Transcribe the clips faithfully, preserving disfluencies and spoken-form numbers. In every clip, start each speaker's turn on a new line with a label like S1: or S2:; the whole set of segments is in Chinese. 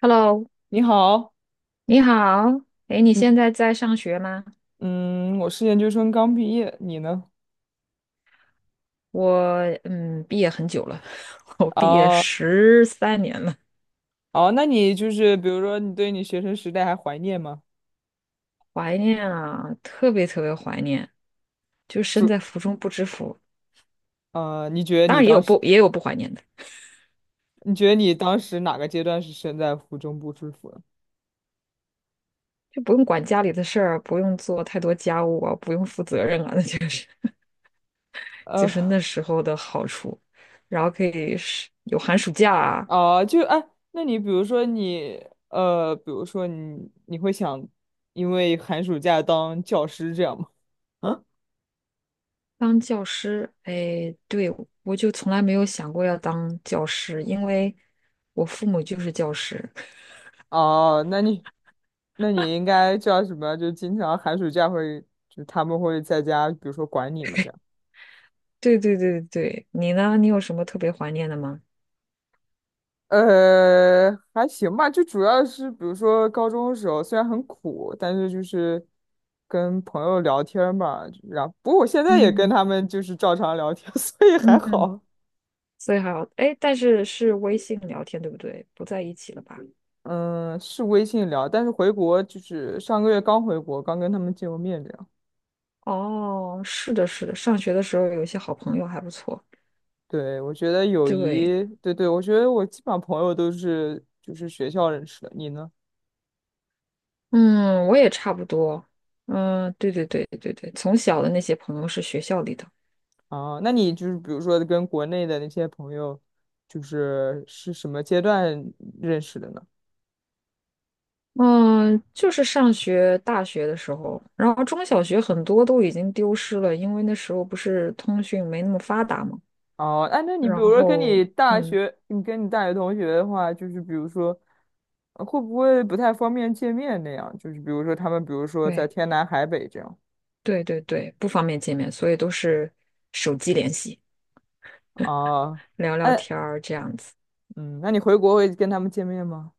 S1: Hello，
S2: 你好，
S1: 你好。哎，你
S2: 嗯
S1: 现在在上学吗？
S2: 嗯，我是研究生刚毕业，你呢？
S1: 我嗯，毕业很久了，我毕业
S2: 哦
S1: 十三年了，
S2: 哦，那你就是比如说，你对你学生时代还怀念吗？
S1: 怀念啊，特别特别怀念。就身
S2: 是。
S1: 在福中不知福，
S2: 呃，你觉得
S1: 当
S2: 你
S1: 然也有
S2: 当时，
S1: 不也有不怀念的，
S2: 你觉得你当时哪个阶段是身在福中不知福的？
S1: 就不用管家里的事儿，不用做太多家务啊，不用负责任啊，那就是就
S2: 呃，
S1: 是那时候的好处。然后可以是有寒暑假啊，
S2: 哦，就哎，那你比如说你，呃，比如说你，你会想因为寒暑假当教师这样吗？嗯。
S1: 当教师，哎，对，我就从来没有想过要当教师，因为我父母就是教师。
S2: 哦，那你，那你应该叫什么？就经常寒暑假会，就他们会在家，比如说管你们这样。
S1: 对对对对，你呢？你有什么特别怀念的吗？
S2: 呃，还行吧，就主要是比如说高中的时候，虽然很苦，但是就是跟朋友聊天儿嘛，然后不过我现在也跟
S1: 嗯，
S2: 他们就是照常聊天。所以还
S1: 嗯，
S2: 好。
S1: 所以还好，哎，但是是微信聊天，对不对？不在一起了吧？
S2: 嗯，是微信聊，但是回国就是上个月刚回国，刚跟他们见过面，这样。
S1: 哦，是的，是的，上学的时候有一些好朋友还不错。
S2: 对，我觉得友
S1: 对，
S2: 谊，对对，我觉得我基本上朋友都是就是学校认识的，你呢？
S1: 嗯，我也差不多。嗯，对对对对对，从小的那些朋友是学校里的。
S2: 啊，那你就是比如说跟国内的那些朋友，就是是什么阶段认识的呢？
S1: 嗯，就是上学大学的时候，然后中小学很多都已经丢失了，因为那时候不是通讯没那么发达嘛。
S2: 哦，哎，那你比
S1: 然
S2: 如说跟
S1: 后，
S2: 你大
S1: 嗯，
S2: 学，你跟你大学同学的话，就是比如说，呃会不会不太方便见面那样？就是比如说他们，比如说在
S1: 对
S2: 天南海北这样。
S1: 对对对，不方便见面，所以都是手机联系，
S2: 啊，
S1: 聊聊
S2: 哎，
S1: 天儿这样子，
S2: 嗯，那你回国会跟他们见面吗？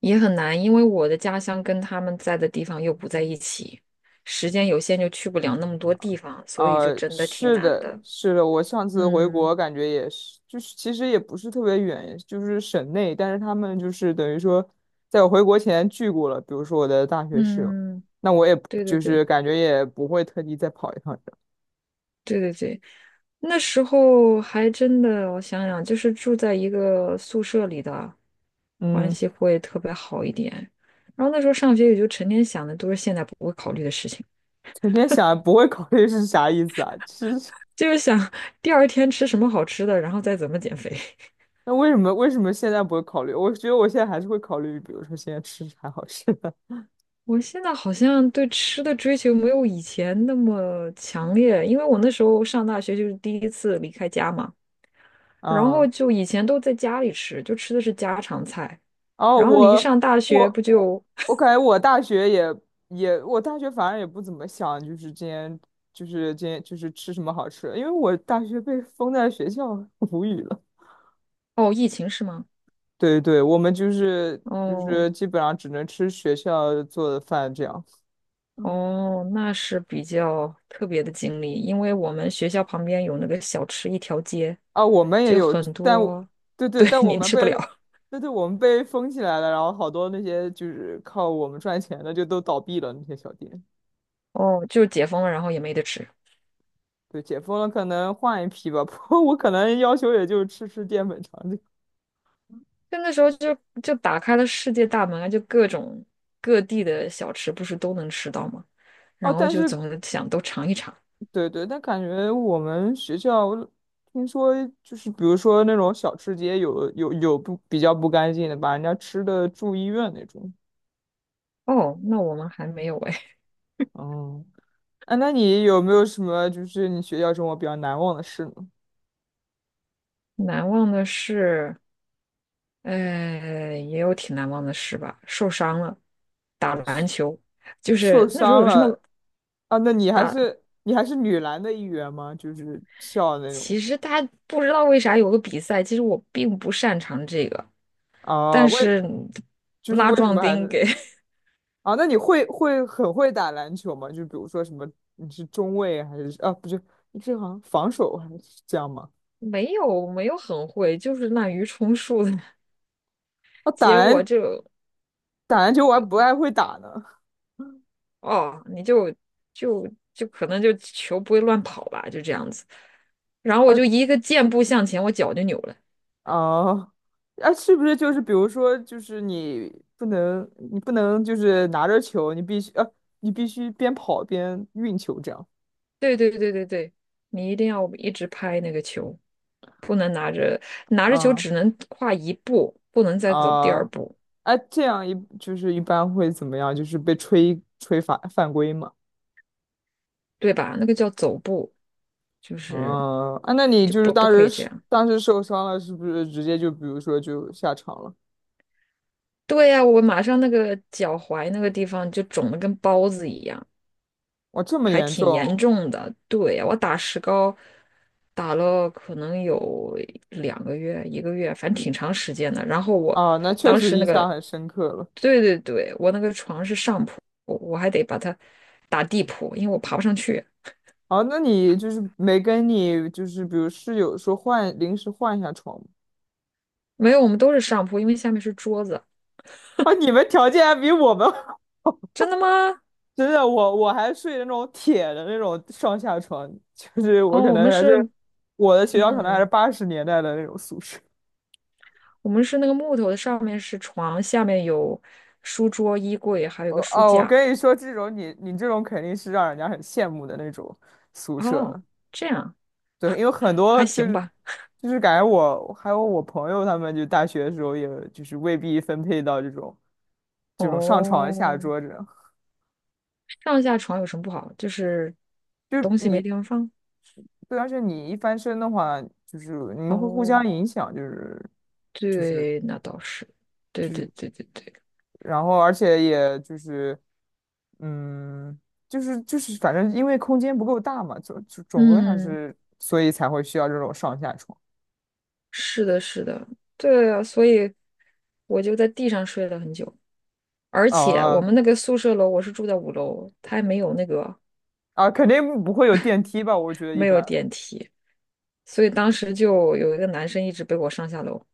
S1: 也很难，因为我的家乡跟他们在的地方又不在一起，时间有限就去不了那么多地方，所以
S2: 啊，
S1: 就真的挺
S2: 是
S1: 难
S2: 的，
S1: 的。
S2: 是的，我上次回
S1: 嗯
S2: 国感觉也是，就是其实也不是特别远，就是省内，但是他们就是等于说，在我回国前聚过了，比如说我的大学室友，
S1: 嗯，
S2: 那我也不
S1: 对对
S2: 就
S1: 对。
S2: 是感觉也不会特地再跑一趟这样。
S1: 对对对，那时候还真的，我想想，就是住在一个宿舍里的，关
S2: 嗯。
S1: 系会特别好一点。然后那时候上学也就成天想的都是现在不会考虑的事情，
S2: 整天想不会考虑是啥意思啊？是，
S1: 就是想 第二天吃什么好吃的，然后再怎么减肥。
S2: 那为什么为什么现在不会考虑？我觉得我现在还是会考虑，比如说现在吃啥好吃的。
S1: 我现在好像对吃的追求没有以前那么强烈，因为我那时候上大学就是第一次离开家嘛，然后
S2: 嗯，
S1: 就以前都在家里吃，就吃的是家常菜。
S2: 后
S1: 然后你一
S2: 我
S1: 上大学
S2: 我
S1: 不
S2: 我
S1: 就，
S2: 我感觉我大学也也我大学反正也不怎么想，就是今天就是今天就是吃什么好吃的，因为我大学被封在学校。无语了。
S1: 哦，疫情是吗？
S2: 对对，我们就是就
S1: 哦
S2: 是基本上只能吃学校做的饭这样。
S1: 哦，那是比较特别的经历，因为我们学校旁边有那个小吃一条街，
S2: 啊，我们也
S1: 就
S2: 有，
S1: 很
S2: 但我
S1: 多，
S2: 对 对，
S1: 对，
S2: 但我
S1: 您
S2: 们
S1: 吃
S2: 被，
S1: 不了。
S2: 对对，我们被封起来了，然后好多那些就是靠我们赚钱的就都倒闭了，那些小店。
S1: 哦，就解封了，然后也没得吃。
S2: 对，解封了可能换一批吧。不过我可能要求也就吃吃淀粉肠这个。
S1: 就那时候就就打开了世界大门啊，就各种各地的小吃不是都能吃到吗？
S2: 哦，
S1: 然后
S2: 但
S1: 就怎
S2: 是
S1: 么想都尝一尝。
S2: 对对，但感觉我们学校听说就是比如说那种小吃街有有有不比较不干净的，把人家吃的住医院那种。
S1: 哦，那我们还没有哎，
S2: 嗯，啊，那你有没有什么就是你学校生活比较难忘的事呢？
S1: 难忘的事，呃，也有挺难忘的事吧。受伤了，打篮球，就
S2: 受
S1: 是那时候
S2: 伤
S1: 有个什么
S2: 了啊？那你还
S1: 打，
S2: 是你还是女篮的一员吗？就是笑的那种
S1: 其实他不知道为啥有个比赛，其实我并不擅长这个，
S2: 啊？
S1: 但
S2: 为
S1: 是
S2: 就是
S1: 拉
S2: 为什
S1: 壮
S2: 么还
S1: 丁
S2: 是
S1: 给
S2: 啊？那你会会很会打篮球吗？就比如说什么你是中卫还是啊？不是，你是好像防守还是这样吗？
S1: 没有没有很会，就是滥竽充数的，
S2: 啊，打
S1: 结果
S2: 篮
S1: 就
S2: 打篮球我还不爱会打呢。
S1: 哦，你就就就可能就球不会乱跑吧，就这样子。然后我
S2: 啊
S1: 就一个箭步向前，我脚就扭了。
S2: 啊啊！是不是就是比如说就是你不能你不能就是拿着球，你必须啊你必须边跑边运球这样。
S1: 对对对对对，你一定要一直拍那个球，不能拿着拿着球
S2: 啊
S1: 只能跨一步，不能再走第
S2: 啊，
S1: 二步。
S2: 哎，这样一就是一般会怎么样？就是被吹吹犯犯规嘛。
S1: 对吧？那个叫走步，就是
S2: 啊啊，那你
S1: 就
S2: 就是
S1: 不
S2: 当
S1: 不可
S2: 时
S1: 以这
S2: 是
S1: 样。
S2: 当时受伤了，是不是直接就比如说就下场了？
S1: 对呀，我马上那个脚踝那个地方就肿得跟包子一样，
S2: 哇，这么
S1: 还
S2: 严
S1: 挺严
S2: 重
S1: 重的。对呀，我打石膏打了可能有两个月、一个月，反正挺长时间的。然后我
S2: 啊？那确
S1: 当
S2: 实
S1: 时那
S2: 印
S1: 个，
S2: 象很深刻了。
S1: 对对对，我那个床是上铺，我我还得把它打地铺，因为我爬不上去。
S2: 哦，那你就是没跟你就是比如室友说换临时换一下床吗？
S1: 没有，我们都是上铺，因为下面是桌子。
S2: 啊，你们条件还比我们好。
S1: 真的吗？
S2: 真的，我我还睡那种铁的那种上下床，就是
S1: 哦，
S2: 我可
S1: 我们
S2: 能还是
S1: 是，
S2: 我的学校可能还是
S1: 嗯，
S2: 八十年代的那种宿舍。
S1: 我们是那个木头的，上面是床，下面有书桌、衣柜，还有一
S2: 我
S1: 个书
S2: 哦，我
S1: 架。
S2: 跟你说，这种你你这种肯定是让人家很羡慕的那种宿舍
S1: 哦，
S2: 了。
S1: 这样
S2: 对，因为很多
S1: 还
S2: 就
S1: 行
S2: 是
S1: 吧。
S2: 就是感觉我还有我朋友他们，就大学的时候也就是未必分配到这种这种上床下
S1: 哦，
S2: 桌这种。
S1: 上下床有什么不好？就是
S2: 就是
S1: 东西没
S2: 你
S1: 地方放。
S2: 对，而且你一翻身的话，就是你们会互
S1: 哦，
S2: 相影响，就是
S1: 对，那倒是。对对对对对，
S2: 然后而且也就是嗯，就是就是反正因为空间不够大嘛，总总总归还
S1: 嗯，
S2: 是所以才会需要这种上下床。
S1: 是的，是的，对啊，所以我就在地上睡了很久。而且我
S2: 哦
S1: 们那个宿舍楼，我是住在五楼，它还没有那个
S2: 啊，肯定不会有电梯吧？我觉得一
S1: 没有
S2: 般。
S1: 电梯。所以当时就有一个男生一直背我上下楼，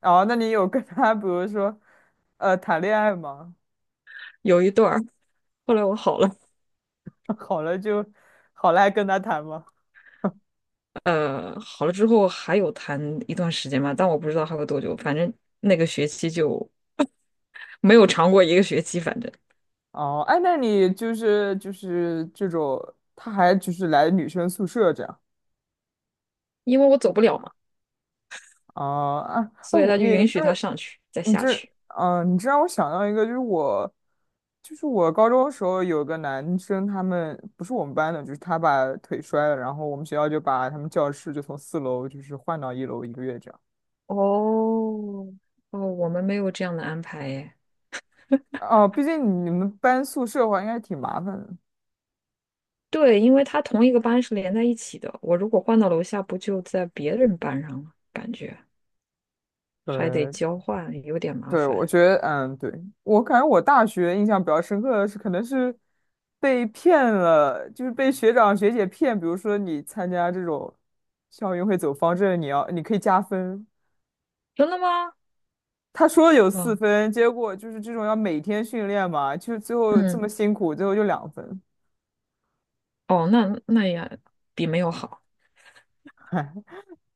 S2: 哦，那你有跟他，比如说，呃，谈恋爱吗？
S1: 有一段儿。后来我好了，
S2: 好了就，好了还跟他谈吗？
S1: 呃，好了之后还有谈一段时间嘛，但我不知道还有多久，反正那个学期就没有长过一个学期，反正
S2: 哦，哎，那你就是就是这种，他还就是来女生宿舍这样。
S1: 因为我走不了嘛，
S2: 哦啊哦，
S1: 所以他
S2: 我
S1: 就
S2: 你这
S1: 允许他上去再
S2: 你
S1: 下
S2: 这
S1: 去。
S2: 嗯、呃你这让我想到一个，就是我就是我高中的时候有个男生，他们不是我们班的，就是他把腿摔了，然后我们学校就把他们教室就从四楼就是换到一楼一个月这样。
S1: 哦，哦，我们没有这样的安排耶。
S2: 哦，毕竟你们搬宿舍的话，应该挺麻烦的。
S1: 对，因为他同一个班是连在一起的，我如果换到楼下，不就在别人班上了？感觉还得
S2: 对，
S1: 交换，有点麻
S2: 对，我
S1: 烦。
S2: 觉得，嗯，对，我感觉我大学印象比较深刻的是，可能是被骗了，就是被学长学姐骗。比如说，你参加这种校运会走方阵，你要你可以加分。
S1: 真的吗？
S2: 他说有四
S1: 嗯，
S2: 分，结果就是这种要每天训练嘛，就是最后这
S1: 嗯，
S2: 么辛苦，最后就两分。
S1: 哦，那那也比没有好，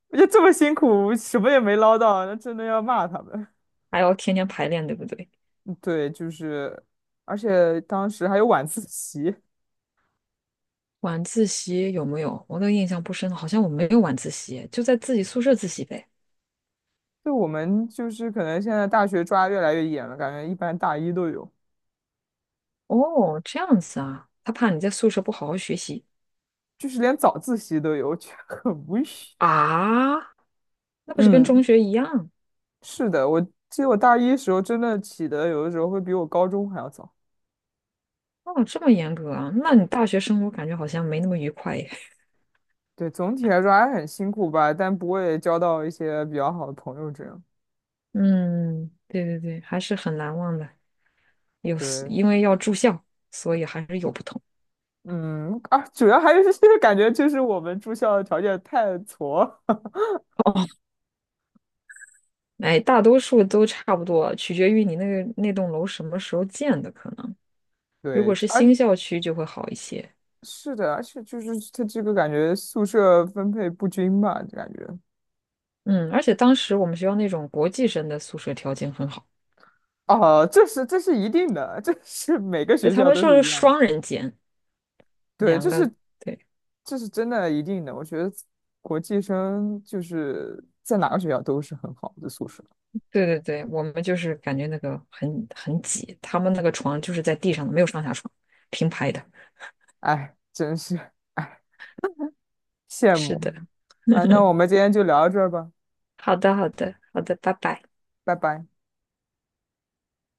S2: 我觉得这么辛苦，什么也没捞到，那真的要骂他们。
S1: 还要天天排练，对不对？
S2: 对，就是，而且当时还有晚自习，
S1: 晚自习有没有？我都印象不深了好像我没有晚自习，就在自己宿舍自习呗。
S2: 就我们就是可能现在大学抓越来越严了，感觉一般大一都有，
S1: 哦，这样子啊，他怕你在宿舍不好好学习
S2: 就是连早自习都有，我觉得很无语。
S1: 啊？那不是跟中
S2: 嗯，
S1: 学一样？
S2: 是的，我记得我大一时候真的起的有的时候会比我高中还要早。
S1: 哦，这么严格啊？那你大学生活感觉好像没那么愉快耶。
S2: 对，总体来说还很辛苦吧，但不会交到一些比较好的朋友这样。
S1: 嗯，对对对，还是很难忘的。有，
S2: 对，
S1: 因为要住校，所以还是有不同。
S2: 嗯，啊，主要还是。 感觉就是我们住校的条件太挫。
S1: 哦，哎，大多数都差不多，取决于你那个那栋楼什么时候建的，可能 如果
S2: 对，
S1: 是
S2: 而
S1: 新校区就会好一些。
S2: 是的，而且就是它这个感觉宿舍分配不均吧，感觉。
S1: 嗯，而且当时我们学校那种国际生的宿舍条件很好，
S2: 哦，这是这是一定的，这是每个
S1: 对，
S2: 学
S1: 他
S2: 校
S1: 们
S2: 都
S1: 说
S2: 是
S1: 是
S2: 一样的。
S1: 双人间，
S2: 对，
S1: 两
S2: 这
S1: 个，
S2: 是
S1: 对，
S2: 这是真的一定的。我觉得国际生就是在哪个学校都是很好的宿舍。
S1: 对对对，我们就是感觉那个很很挤，他们那个床就是在地上的，没有上下床，平排的。
S2: 哎，真是哎，羡
S1: 是
S2: 慕
S1: 的，
S2: 啊！那 我们今天就聊到这儿吧，
S1: 好的，好的，好的，拜拜。
S2: 拜拜。